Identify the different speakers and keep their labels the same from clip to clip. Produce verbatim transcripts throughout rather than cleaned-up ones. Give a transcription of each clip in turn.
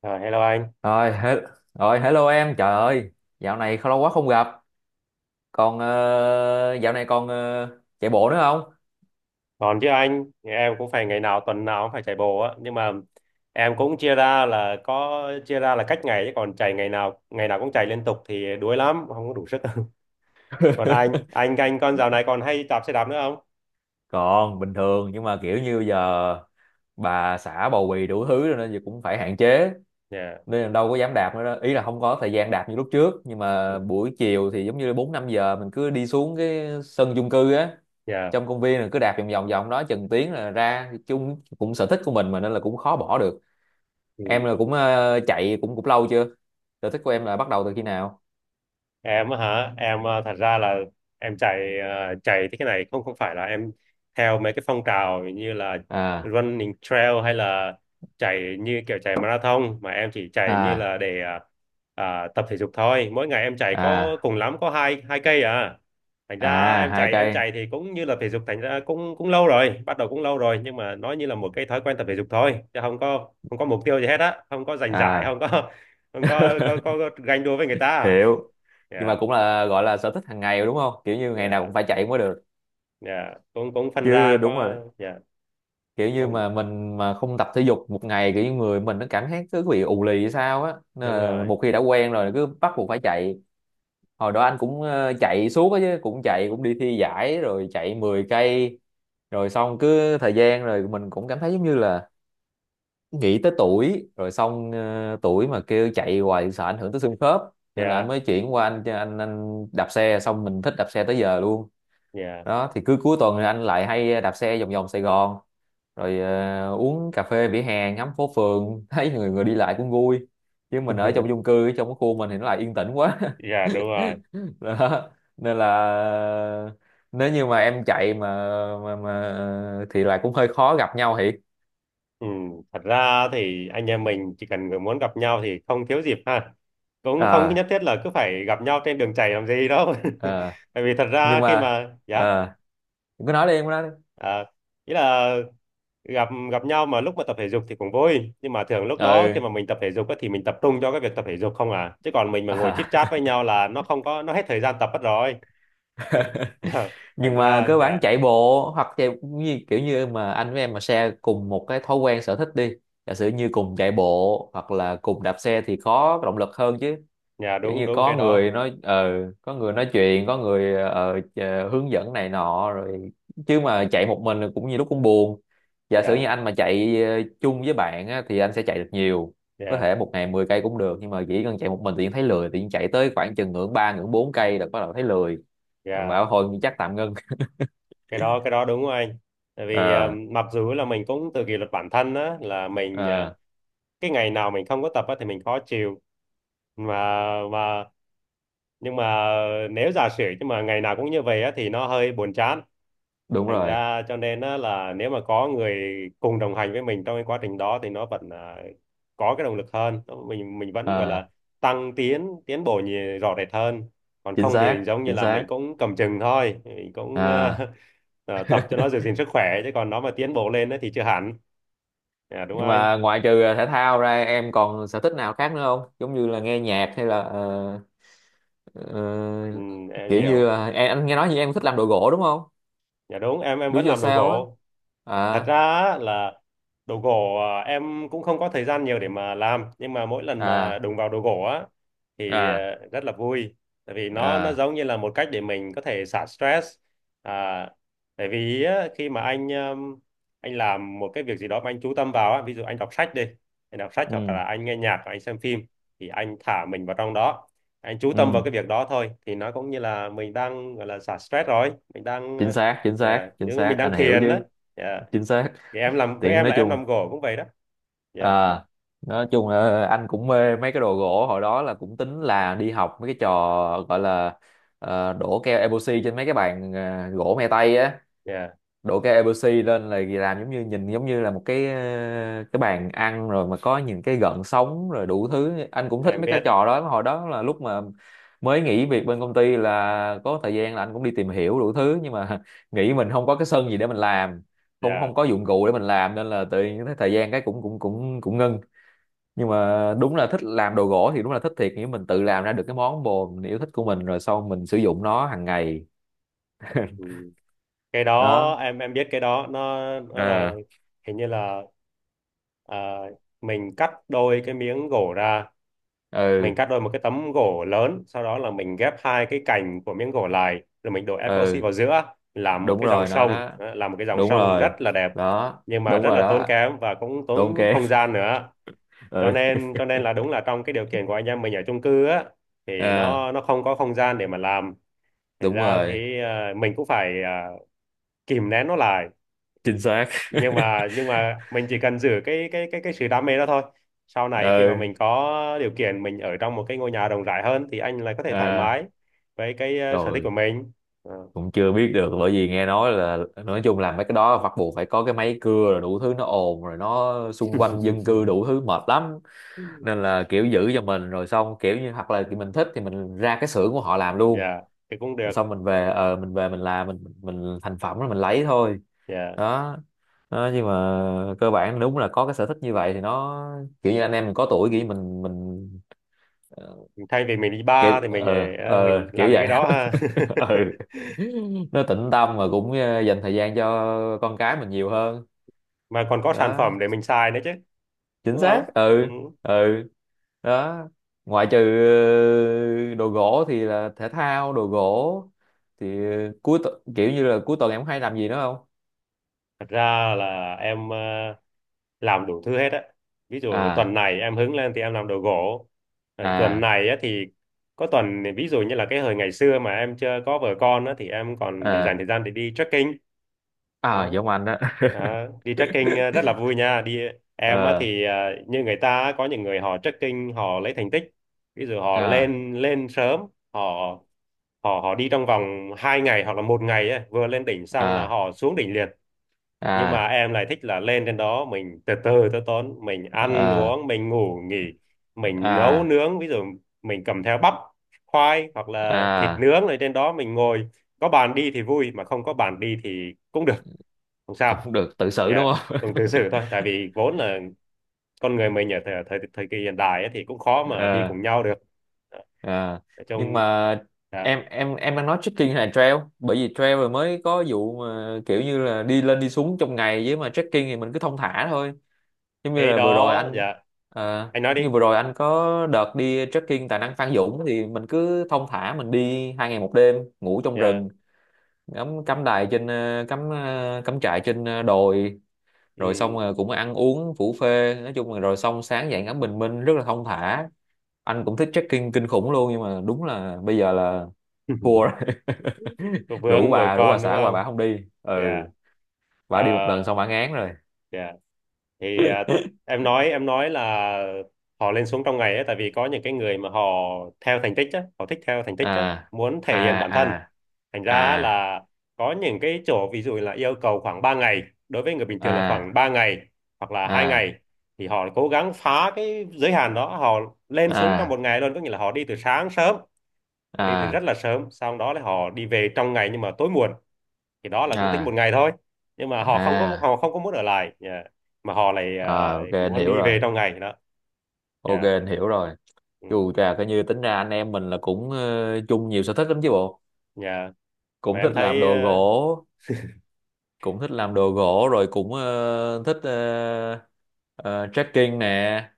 Speaker 1: Ờ, Hello anh.
Speaker 2: Rồi, he rồi hello em, trời ơi, dạo này lâu quá không gặp. Còn ờ, dạo này còn ờ, chạy bộ nữa không?
Speaker 1: Còn chứ anh, em cũng phải ngày nào tuần nào cũng phải chạy bộ á, nhưng mà em cũng chia ra là có chia ra là cách ngày chứ còn chạy ngày nào ngày nào cũng chạy liên tục thì đuối lắm, không có đủ sức. Còn anh, anh anh con dạo này còn hay đạp xe đạp nữa không?
Speaker 2: Còn bình thường nhưng mà kiểu như giờ bà xã bầu bì đủ thứ rồi nên giờ cũng phải hạn chế
Speaker 1: Dạ,
Speaker 2: nên là đâu có dám đạp nữa đó. Ý là không có thời gian đạp như lúc trước nhưng
Speaker 1: ừ,
Speaker 2: mà buổi chiều thì giống như bốn năm giờ mình cứ đi xuống cái sân chung cư á,
Speaker 1: dạ.
Speaker 2: trong công viên là cứ đạp vòng vòng vòng đó chừng tiếng là ra chung cũng sở thích của mình mà nên là cũng khó bỏ được. Em
Speaker 1: Ừ.
Speaker 2: là cũng ờ, chạy cũng cũng lâu chưa, sở thích của em là bắt đầu từ khi nào?
Speaker 1: Em á hả? Em ờ, thật ra là em chạy ờ, chạy thế cái này không không phải là em theo mấy cái phong trào như là
Speaker 2: À,
Speaker 1: running trail hay là chạy như kiểu chạy marathon, mà em chỉ chạy như
Speaker 2: à,
Speaker 1: là để ờ, à, tập thể dục thôi. Mỗi ngày em chạy có
Speaker 2: à,
Speaker 1: cùng lắm có hai hai cây à, thành
Speaker 2: à,
Speaker 1: ra em
Speaker 2: hai
Speaker 1: chạy em
Speaker 2: cây
Speaker 1: chạy thì cũng như là thể dục. Thành ra cũng cũng lâu rồi, bắt đầu cũng lâu rồi nhưng mà nó như là một cái thói quen tập thể dục thôi, chứ không có không có mục tiêu gì hết á, không có giành giải,
Speaker 2: À.
Speaker 1: không có không có có, có, có ganh đua với người ta.
Speaker 2: Hiểu. Nhưng mà
Speaker 1: À,
Speaker 2: cũng là gọi là sở thích hàng ngày đúng không, kiểu như ngày nào
Speaker 1: dạ.
Speaker 2: cũng phải chạy mới được
Speaker 1: dạ cũng cũng Phân ra
Speaker 2: chứ? Đúng
Speaker 1: có
Speaker 2: rồi,
Speaker 1: dạ,
Speaker 2: kiểu như
Speaker 1: cũng
Speaker 2: mà mình mà không tập thể dục một ngày kiểu như người mình nó cảm thấy cứ bị ù lì hay sao á, nên
Speaker 1: đúng
Speaker 2: là
Speaker 1: rồi.
Speaker 2: một khi đã quen rồi cứ bắt buộc phải chạy. Hồi đó anh cũng ờ, chạy suốt á chứ, cũng chạy cũng đi thi giải rồi, chạy mười cây, rồi xong cứ thời gian rồi mình cũng cảm thấy giống như là nghĩ tới tuổi rồi, xong ờ, tuổi mà kêu chạy hoài sợ ảnh hưởng tới xương khớp, nên là anh
Speaker 1: Dạ,
Speaker 2: mới chuyển qua anh anh anh đạp xe, xong mình thích đạp xe tới giờ luôn
Speaker 1: dạ.
Speaker 2: đó. Thì cứ cuối tuần thì anh lại hay đạp xe vòng vòng Sài Gòn rồi ờ, uống cà phê vỉa hè ngắm phố phường, thấy người người đi lại cũng vui, chứ mình ở trong chung cư trong cái khu mình thì nó lại yên tĩnh quá.
Speaker 1: Dạ đúng rồi.
Speaker 2: Đó, nên là nếu như mà em chạy mà mà, mà thì là cũng hơi khó gặp nhau thiệt.
Speaker 1: Ừ. Thật ra thì anh em mình chỉ cần người muốn gặp nhau thì không thiếu dịp ha, cũng không nhất
Speaker 2: À,
Speaker 1: thiết là cứ phải gặp nhau trên đường chảy làm gì đâu.
Speaker 2: à,
Speaker 1: Tại vì thật
Speaker 2: nhưng
Speaker 1: ra khi
Speaker 2: mà
Speaker 1: mà dạ,
Speaker 2: à, đừng có nói, đi em cứ nói đi.
Speaker 1: à, ý là gặp gặp nhau mà lúc mà tập thể dục thì cũng vui, nhưng mà thường lúc đó
Speaker 2: Ừ.
Speaker 1: khi mà mình tập thể dục á, thì mình tập trung cho cái việc tập thể dục không à, chứ còn mình mà ngồi chit
Speaker 2: À.
Speaker 1: chat với nhau là nó không có nó hết thời gian tập mất rồi. Ờ, Phải
Speaker 2: Nhưng mà
Speaker 1: ra
Speaker 2: cơ bản
Speaker 1: dạ.
Speaker 2: chạy bộ hoặc chạy như, kiểu như mà anh với em mà share cùng một cái thói quen sở thích đi, giả sử như cùng chạy bộ hoặc là cùng đạp xe thì có động lực hơn chứ,
Speaker 1: Dạ,
Speaker 2: kiểu
Speaker 1: đúng
Speaker 2: như
Speaker 1: đúng
Speaker 2: có
Speaker 1: cái
Speaker 2: người
Speaker 1: đó.
Speaker 2: nói ờ có người nói chuyện, có người ờ, ờ, hướng dẫn này nọ, rồi chứ mà chạy một mình thì cũng như lúc cũng buồn. Giả sử như
Speaker 1: Dạ,
Speaker 2: anh mà chạy ờ, chung với bạn á, thì anh sẽ chạy được nhiều, có
Speaker 1: dạ,
Speaker 2: thể một ngày mười cây cũng được, nhưng mà chỉ cần chạy một mình thì thấy lười, thì chạy tới khoảng chừng ngưỡng ba ngưỡng bốn cây là bắt đầu thấy lười. Rồi
Speaker 1: dạ.
Speaker 2: bảo thôi chắc tạm ngưng.
Speaker 1: Cái đó, cái đó đúng của anh. Tại vì à,
Speaker 2: Ờ.
Speaker 1: mặc dù là mình cũng tự kỷ luật bản thân á, là mình à,
Speaker 2: Ờ,
Speaker 1: cái ngày nào mình không có tập á, thì mình khó chịu, mà mà nhưng mà nếu giả sử nhưng mà ngày nào cũng như vậy á, thì nó hơi buồn chán,
Speaker 2: đúng
Speaker 1: thành
Speaker 2: rồi.
Speaker 1: ra cho nên á, là nếu mà có người cùng đồng hành với mình trong cái quá trình đó thì nó vẫn à, có cái động lực hơn. Nó- mình mình vẫn gọi
Speaker 2: Ờ,
Speaker 1: là tăng tiến, tiến bộ nhiều, rõ rệt hơn. Còn
Speaker 2: chính
Speaker 1: không thì mình
Speaker 2: xác,
Speaker 1: giống như
Speaker 2: chính
Speaker 1: là mình
Speaker 2: xác.
Speaker 1: cũng cầm chừng thôi, mình cũng
Speaker 2: Ờ,
Speaker 1: ờ, ờ, tập cho nó giữ gìn sức khỏe, chứ còn nó mà tiến bộ lên á thì chưa hẳn. Dạ, đúng
Speaker 2: nhưng
Speaker 1: không
Speaker 2: mà
Speaker 1: anh?
Speaker 2: ngoại trừ ờ, thể thao ra em còn sở thích nào khác nữa không, giống như là nghe nhạc hay là ờ,
Speaker 1: ừ,
Speaker 2: ờ,
Speaker 1: em
Speaker 2: kiểu như
Speaker 1: hiểu.
Speaker 2: là em anh nghe nói như em thích làm đồ gỗ đúng không?
Speaker 1: Dạ đúng, em em
Speaker 2: Do
Speaker 1: vẫn làm đồ
Speaker 2: yourself
Speaker 1: gỗ. Thật
Speaker 2: á.
Speaker 1: ra
Speaker 2: À,
Speaker 1: á, là đồ gỗ à, em cũng không có thời gian nhiều để mà làm, nhưng mà mỗi lần mà
Speaker 2: à,
Speaker 1: đụng vào đồ gỗ á, thì
Speaker 2: à,
Speaker 1: à, rất là vui. Tại vì nó nó
Speaker 2: à.
Speaker 1: giống như là một cách để mình có thể xả stress. À, tại vì á, khi mà anh um, anh làm một cái việc gì đó mà anh chú tâm vào á, ví dụ anh đọc sách đi, anh đọc sách
Speaker 2: Ừ.
Speaker 1: hoặc là anh nghe nhạc hoặc anh xem phim, thì anh thả mình vào trong đó, anh chú tâm vào
Speaker 2: Ừ,
Speaker 1: cái việc đó thôi, thì nó cũng như là mình đang gọi là xả stress rồi, mình đang
Speaker 2: chính xác, chính xác,
Speaker 1: à,
Speaker 2: chính
Speaker 1: giống như
Speaker 2: xác,
Speaker 1: mình đang
Speaker 2: anh hiểu
Speaker 1: thiền đó.
Speaker 2: chứ. Chính xác.
Speaker 1: Thì em làm, với
Speaker 2: Tiện,
Speaker 1: em
Speaker 2: nói
Speaker 1: là em
Speaker 2: chung.
Speaker 1: làm gỗ cũng vậy đó. Dạ,
Speaker 2: À, nói chung là anh cũng mê mấy cái đồ gỗ, hồi đó là cũng tính là đi học mấy cái trò gọi là ờ, đổ keo epoxy trên mấy cái bàn ờ, gỗ me tây á,
Speaker 1: dạ
Speaker 2: đổ cái a b c lên là làm giống như nhìn giống như là một cái ờ, cái bàn ăn rồi mà có những cái gợn sóng rồi đủ thứ. Anh cũng thích
Speaker 1: em
Speaker 2: mấy cái
Speaker 1: biết
Speaker 2: trò đó, hồi đó là lúc mà mới nghỉ việc bên công ty là có thời gian, là anh cũng đi tìm hiểu đủ thứ, nhưng mà nghĩ mình không có cái sân gì để mình làm, không
Speaker 1: dạ.
Speaker 2: không có dụng cụ để mình làm, nên là tự nhiên cái thời gian cái cũng cũng cũng cũng ngưng. Nhưng mà đúng là thích làm đồ gỗ thì đúng là thích thiệt, nghĩa mình tự làm ra được cái món bồ mình yêu thích của mình rồi sau mình sử dụng nó hàng ngày
Speaker 1: Ừ. Cái đó
Speaker 2: đó.
Speaker 1: em em biết cái đó, nó nó là
Speaker 2: À.
Speaker 1: hình như là à, mình cắt đôi cái miếng gỗ ra, mình
Speaker 2: Ừ.
Speaker 1: cắt đôi một cái tấm gỗ lớn, sau đó là mình ghép hai cái cành của miếng gỗ lại, rồi mình đổ epoxy
Speaker 2: Ừ,
Speaker 1: vào giữa làm một
Speaker 2: đúng
Speaker 1: cái dòng
Speaker 2: rồi, nó
Speaker 1: sông
Speaker 2: đó,
Speaker 1: đó, làm một cái dòng
Speaker 2: đúng
Speaker 1: sông
Speaker 2: rồi
Speaker 1: rất là đẹp.
Speaker 2: đó,
Speaker 1: Nhưng mà
Speaker 2: đúng
Speaker 1: rất
Speaker 2: rồi
Speaker 1: là tốn
Speaker 2: đó.
Speaker 1: kém và cũng
Speaker 2: Tốn
Speaker 1: tốn
Speaker 2: kém.
Speaker 1: không gian nữa, cho
Speaker 2: Ừ.
Speaker 1: nên cho nên là đúng là trong cái điều kiện của anh em mình ở chung cư á, thì
Speaker 2: À,
Speaker 1: nó nó không có không gian để mà làm. Thành
Speaker 2: đúng
Speaker 1: ra
Speaker 2: rồi,
Speaker 1: thì ờ, mình cũng phải ờ, kìm nén nó lại.
Speaker 2: chính xác.
Speaker 1: Nhưng mà nhưng mà mình chỉ cần giữ cái cái cái cái sự đam mê đó thôi, sau này khi mà mình
Speaker 2: Ừ.
Speaker 1: có điều kiện mình ở trong một cái ngôi nhà rộng rãi hơn, thì anh lại có thể thoải
Speaker 2: À,
Speaker 1: mái với cái ờ, sở thích
Speaker 2: rồi,
Speaker 1: của mình. Ờ.
Speaker 2: cũng chưa biết được, bởi vì nghe nói là nói chung là mấy cái đó bắt buộc phải có cái máy cưa rồi đủ thứ, nó ồn rồi nó xung quanh dân cư đủ thứ mệt lắm, nên là kiểu giữ cho mình, rồi xong kiểu như hoặc là mình thích thì mình ra cái xưởng của họ làm luôn.
Speaker 1: Dạ thì cũng được.
Speaker 2: Rồi xong mình về ờ mình về mình làm mình mình thành phẩm rồi mình lấy thôi
Speaker 1: Dạ,
Speaker 2: đó. Đó, nhưng mà cơ bản đúng là có cái sở thích như vậy thì nó kiểu như anh em mình có tuổi, kiểu như mình mình ờ,
Speaker 1: thay vì mình đi
Speaker 2: kiểu
Speaker 1: bar thì mình
Speaker 2: ờ ờ
Speaker 1: ờ, mình
Speaker 2: kiểu
Speaker 1: làm những cái
Speaker 2: vậy.
Speaker 1: đó ha.
Speaker 2: Ờ, nó tĩnh tâm mà cũng ờ, dành thời gian cho con cái mình nhiều hơn
Speaker 1: Mà còn có sản
Speaker 2: đó,
Speaker 1: phẩm để mình xài nữa chứ,
Speaker 2: chính
Speaker 1: đúng không?
Speaker 2: xác.
Speaker 1: Ừ.
Speaker 2: Ừ. Ừ. Đó, ngoại trừ ờ, đồ gỗ thì là thể thao, đồ gỗ thì ờ, cuối tu- kiểu như là cuối tuần em hay làm gì nữa không?
Speaker 1: Thật ra là em ờ, làm đủ thứ hết á. Ví dụ tuần
Speaker 2: À,
Speaker 1: này em hứng lên thì em làm đồ gỗ. Rồi tuần
Speaker 2: à,
Speaker 1: này á, thì có tuần thì ví dụ như là cái hồi ngày xưa mà em chưa có vợ con á, thì em còn để dành
Speaker 2: à,
Speaker 1: thời gian để đi trekking.
Speaker 2: à
Speaker 1: Đó.
Speaker 2: giống anh đó.
Speaker 1: Đó. Đi trekking ờ, rất là vui nha. Đi em á,
Speaker 2: Ờ.
Speaker 1: thì ờ, như người ta á, có những người họ trekking họ lấy thành tích. Ví dụ họ
Speaker 2: À,
Speaker 1: lên lên sớm, họ họ họ đi trong vòng hai ngày hoặc là một ngày á, vừa lên đỉnh xong là
Speaker 2: à,
Speaker 1: họ xuống đỉnh liền, nhưng mà
Speaker 2: à,
Speaker 1: em lại thích là lên trên đó mình từ từ tới tốn, mình ăn
Speaker 2: à,
Speaker 1: uống, mình ngủ nghỉ, mình nấu
Speaker 2: à,
Speaker 1: nướng. Ví dụ mình cầm theo bắp, khoai hoặc là thịt
Speaker 2: à,
Speaker 1: nướng, ở trên đó mình ngồi có bàn đi thì vui, mà không có bàn đi thì cũng được, không sao.
Speaker 2: cũng được tự xử đúng
Speaker 1: Dạ,
Speaker 2: không?
Speaker 1: cùng tự xử thôi, tại vì vốn là con người mình ở thời thời, thời kỳ hiện đại ấy, thì cũng khó mà đi
Speaker 2: À.
Speaker 1: cùng nhau được. Đó,
Speaker 2: À.
Speaker 1: nói
Speaker 2: Nhưng
Speaker 1: chung.
Speaker 2: mà
Speaker 1: Dạ
Speaker 2: em em em đang nói trekking hay là trail, bởi vì trail rồi mới có vụ mà kiểu như là đi lên đi xuống trong ngày, với mà trekking thì mình cứ thong thả thôi. Giống như
Speaker 1: cái
Speaker 2: là vừa rồi
Speaker 1: đó.
Speaker 2: anh,
Speaker 1: Dạ
Speaker 2: à,
Speaker 1: anh nói đi.
Speaker 2: như vừa rồi anh có đợt đi trekking tại năng Phan Dũng thì mình cứ thong thả mình đi hai ngày một đêm, ngủ trong
Speaker 1: Dạ.
Speaker 2: rừng, cắm cắm trại trên ờ, cắm ờ, cắm trại trên ờ, đồi, rồi xong
Speaker 1: Ừ.
Speaker 2: rồi cũng ăn uống phủ phê, nói chung là, rồi xong sáng dậy ngắm bình minh rất là thong thả. Anh cũng thích trekking kinh khủng luôn, nhưng mà đúng là bây giờ là thua rồi.
Speaker 1: Có
Speaker 2: rủ
Speaker 1: vướng vợ
Speaker 2: bà rủ bà
Speaker 1: con đúng
Speaker 2: xã qua
Speaker 1: không?
Speaker 2: bà không đi. Ừ,
Speaker 1: Dạ. Ờ,
Speaker 2: bà đi một lần xong bà ngán rồi.
Speaker 1: dạ. Thì à, em nói em nói là họ lên xuống trong ngày ấy, tại vì có những cái người mà họ theo thành tích á, họ thích theo thành tích á,
Speaker 2: À,
Speaker 1: muốn thể
Speaker 2: à,
Speaker 1: hiện bản thân.
Speaker 2: à,
Speaker 1: Thành ra á,
Speaker 2: à,
Speaker 1: là có những cái chỗ ví dụ là yêu cầu khoảng ba ngày, đối với người bình thường là khoảng
Speaker 2: à,
Speaker 1: ba ngày hoặc là hai
Speaker 2: à,
Speaker 1: ngày, thì họ cố gắng phá cái giới hạn đó, họ lên xuống trong
Speaker 2: à,
Speaker 1: một ngày luôn, có nghĩa là họ đi từ sáng sớm, họ đi từ
Speaker 2: à,
Speaker 1: rất
Speaker 2: à,
Speaker 1: là sớm, sau đó là họ đi về trong ngày nhưng mà tối muộn, thì đó là cũng tính một ngày thôi. Nhưng mà họ không có họ
Speaker 2: à,
Speaker 1: không có muốn ở lại nhà, mà họ lại à,
Speaker 2: à, ok anh
Speaker 1: muốn
Speaker 2: hiểu
Speaker 1: đi về
Speaker 2: rồi.
Speaker 1: trong ngày đó
Speaker 2: OK
Speaker 1: nhà.
Speaker 2: anh hiểu rồi.
Speaker 1: Ừ.
Speaker 2: Dù chà, coi như tính ra anh em mình là cũng ờ, chung nhiều sở thích lắm chứ bộ,
Speaker 1: Nhà, mà
Speaker 2: cũng thích
Speaker 1: em
Speaker 2: làm
Speaker 1: thấy
Speaker 2: đồ
Speaker 1: ờ,
Speaker 2: gỗ, cũng thích làm đồ gỗ rồi cũng ờ, thích ờ, ờ, trekking nè,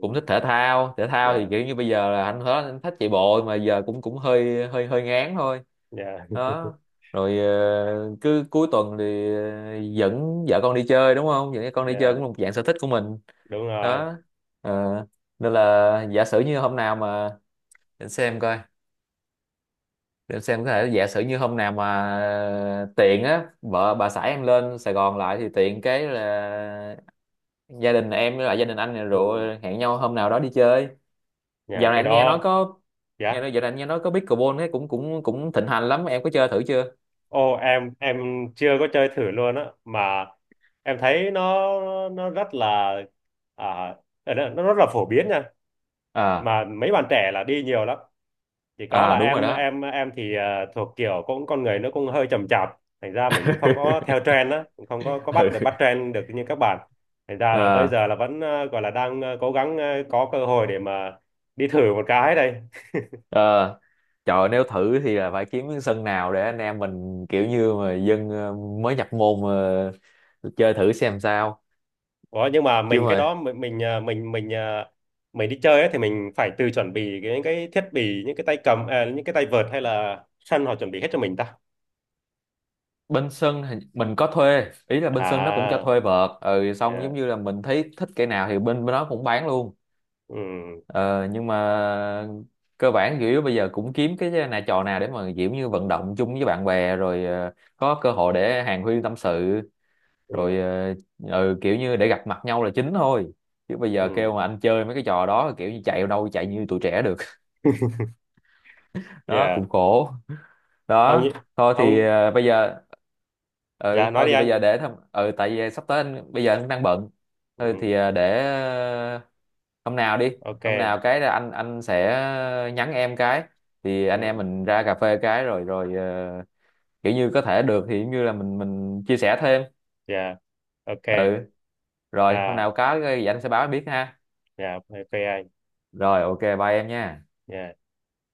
Speaker 2: cũng thích thể thao. Thể thao thì
Speaker 1: nhà,
Speaker 2: kiểu như bây giờ là anh hết, anh thích chạy bộ mà giờ cũng cũng hơi hơi hơi ngán thôi
Speaker 1: nhà
Speaker 2: đó. Rồi ờ, cứ cuối tuần thì ờ, dẫn vợ con đi chơi đúng không, dẫn con đi chơi cũng
Speaker 1: nhà
Speaker 2: là một dạng sở thích của mình
Speaker 1: đúng rồi.
Speaker 2: đó. Ờ, nên là giả sử như hôm nào mà để xem coi, để em xem có thể giả sử như hôm nào mà tiện á, vợ bà xã em lên Sài Gòn lại thì tiện cái là gia đình em với lại gia đình anh này
Speaker 1: Ừ.
Speaker 2: rồi hẹn nhau hôm nào đó đi chơi.
Speaker 1: Nhà
Speaker 2: Dạo này
Speaker 1: cái
Speaker 2: anh nghe nói
Speaker 1: đó
Speaker 2: có, nghe
Speaker 1: dạ.
Speaker 2: nói dạo này anh nghe nói có pickleball ấy cũng cũng cũng thịnh hành lắm, em có chơi thử chưa?
Speaker 1: Ô em em chưa có chơi thử luôn á, mà em thấy nó nó rất là à, ờ, nó nó rất là phổ biến nha.
Speaker 2: À,
Speaker 1: Mà mấy bạn trẻ là đi nhiều lắm. Chỉ có
Speaker 2: à,
Speaker 1: là
Speaker 2: đúng rồi
Speaker 1: em
Speaker 2: đó.
Speaker 1: em em thì ờ, thuộc kiểu cũng con người nó cũng hơi chậm chạp, thành ra mình cũng không có theo trend á, cũng không có có bắt được, bắt
Speaker 2: Ừ.
Speaker 1: trend được như các bạn. Thành ra là tới
Speaker 2: À.
Speaker 1: giờ là vẫn ờ, gọi là đang ờ, cố gắng ờ, có cơ hội để mà đi thử một cái đây.
Speaker 2: À. Trời ơi, nếu thử thì là phải kiếm cái sân nào để anh em mình kiểu như mà dân ờ, mới nhập môn mà chơi thử xem sao,
Speaker 1: Ủa, nhưng mà
Speaker 2: chứ
Speaker 1: mình cái
Speaker 2: mà
Speaker 1: đó mình mình ờ, mình mình ờ, mình đi chơi ấy, thì mình phải tự chuẩn bị cái- những cái thiết bị, những cái tay cầm à, những cái tay vợt, hay là sân họ chuẩn bị hết cho mình ta?
Speaker 2: bên sân thì mình có thuê, ý là bên sân nó cũng cho
Speaker 1: À,
Speaker 2: thuê vợt, ừ, xong
Speaker 1: yeah.
Speaker 2: giống như là mình thấy thích cái nào thì bên bên đó cũng bán luôn.
Speaker 1: Ừ.
Speaker 2: ờ, nhưng mà cơ bản chủ yếu bây giờ cũng kiếm cái nà trò nào để mà kiểu như vận động chung với bạn bè, rồi ờ, có cơ hội để hàn huyên tâm sự,
Speaker 1: Ừ.
Speaker 2: rồi ờ, ừ, kiểu như để gặp mặt nhau là chính thôi, chứ bây giờ kêu
Speaker 1: Ừ.
Speaker 2: mà anh chơi mấy cái trò đó kiểu như chạy đâu chạy như tụi trẻ được. Đó
Speaker 1: Yeah.
Speaker 2: cũng khổ
Speaker 1: Không
Speaker 2: đó.
Speaker 1: như,
Speaker 2: Thôi thì
Speaker 1: không.
Speaker 2: ờ, bây giờ, ừ
Speaker 1: Dạ nói
Speaker 2: thôi
Speaker 1: đi
Speaker 2: thì
Speaker 1: anh.
Speaker 2: bây giờ để thăm, ừ, tại vì sắp tới anh bây giờ anh cũng đang bận,
Speaker 1: Ừ,
Speaker 2: thôi thì ờ, để ờ, hôm nào đi,
Speaker 1: ok.
Speaker 2: hôm nào cái là anh anh sẽ nhắn em cái, thì anh em
Speaker 1: Ừ,
Speaker 2: mình ra cà phê cái rồi rồi ờ, kiểu như có thể được thì giống như là mình mình chia sẻ thêm.
Speaker 1: dạ ok.
Speaker 2: Ừ, rồi hôm
Speaker 1: À
Speaker 2: nào có cái gì anh sẽ báo em biết ha.
Speaker 1: dạ ok anh.
Speaker 2: Rồi, ok bye em nha.
Speaker 1: Dạ.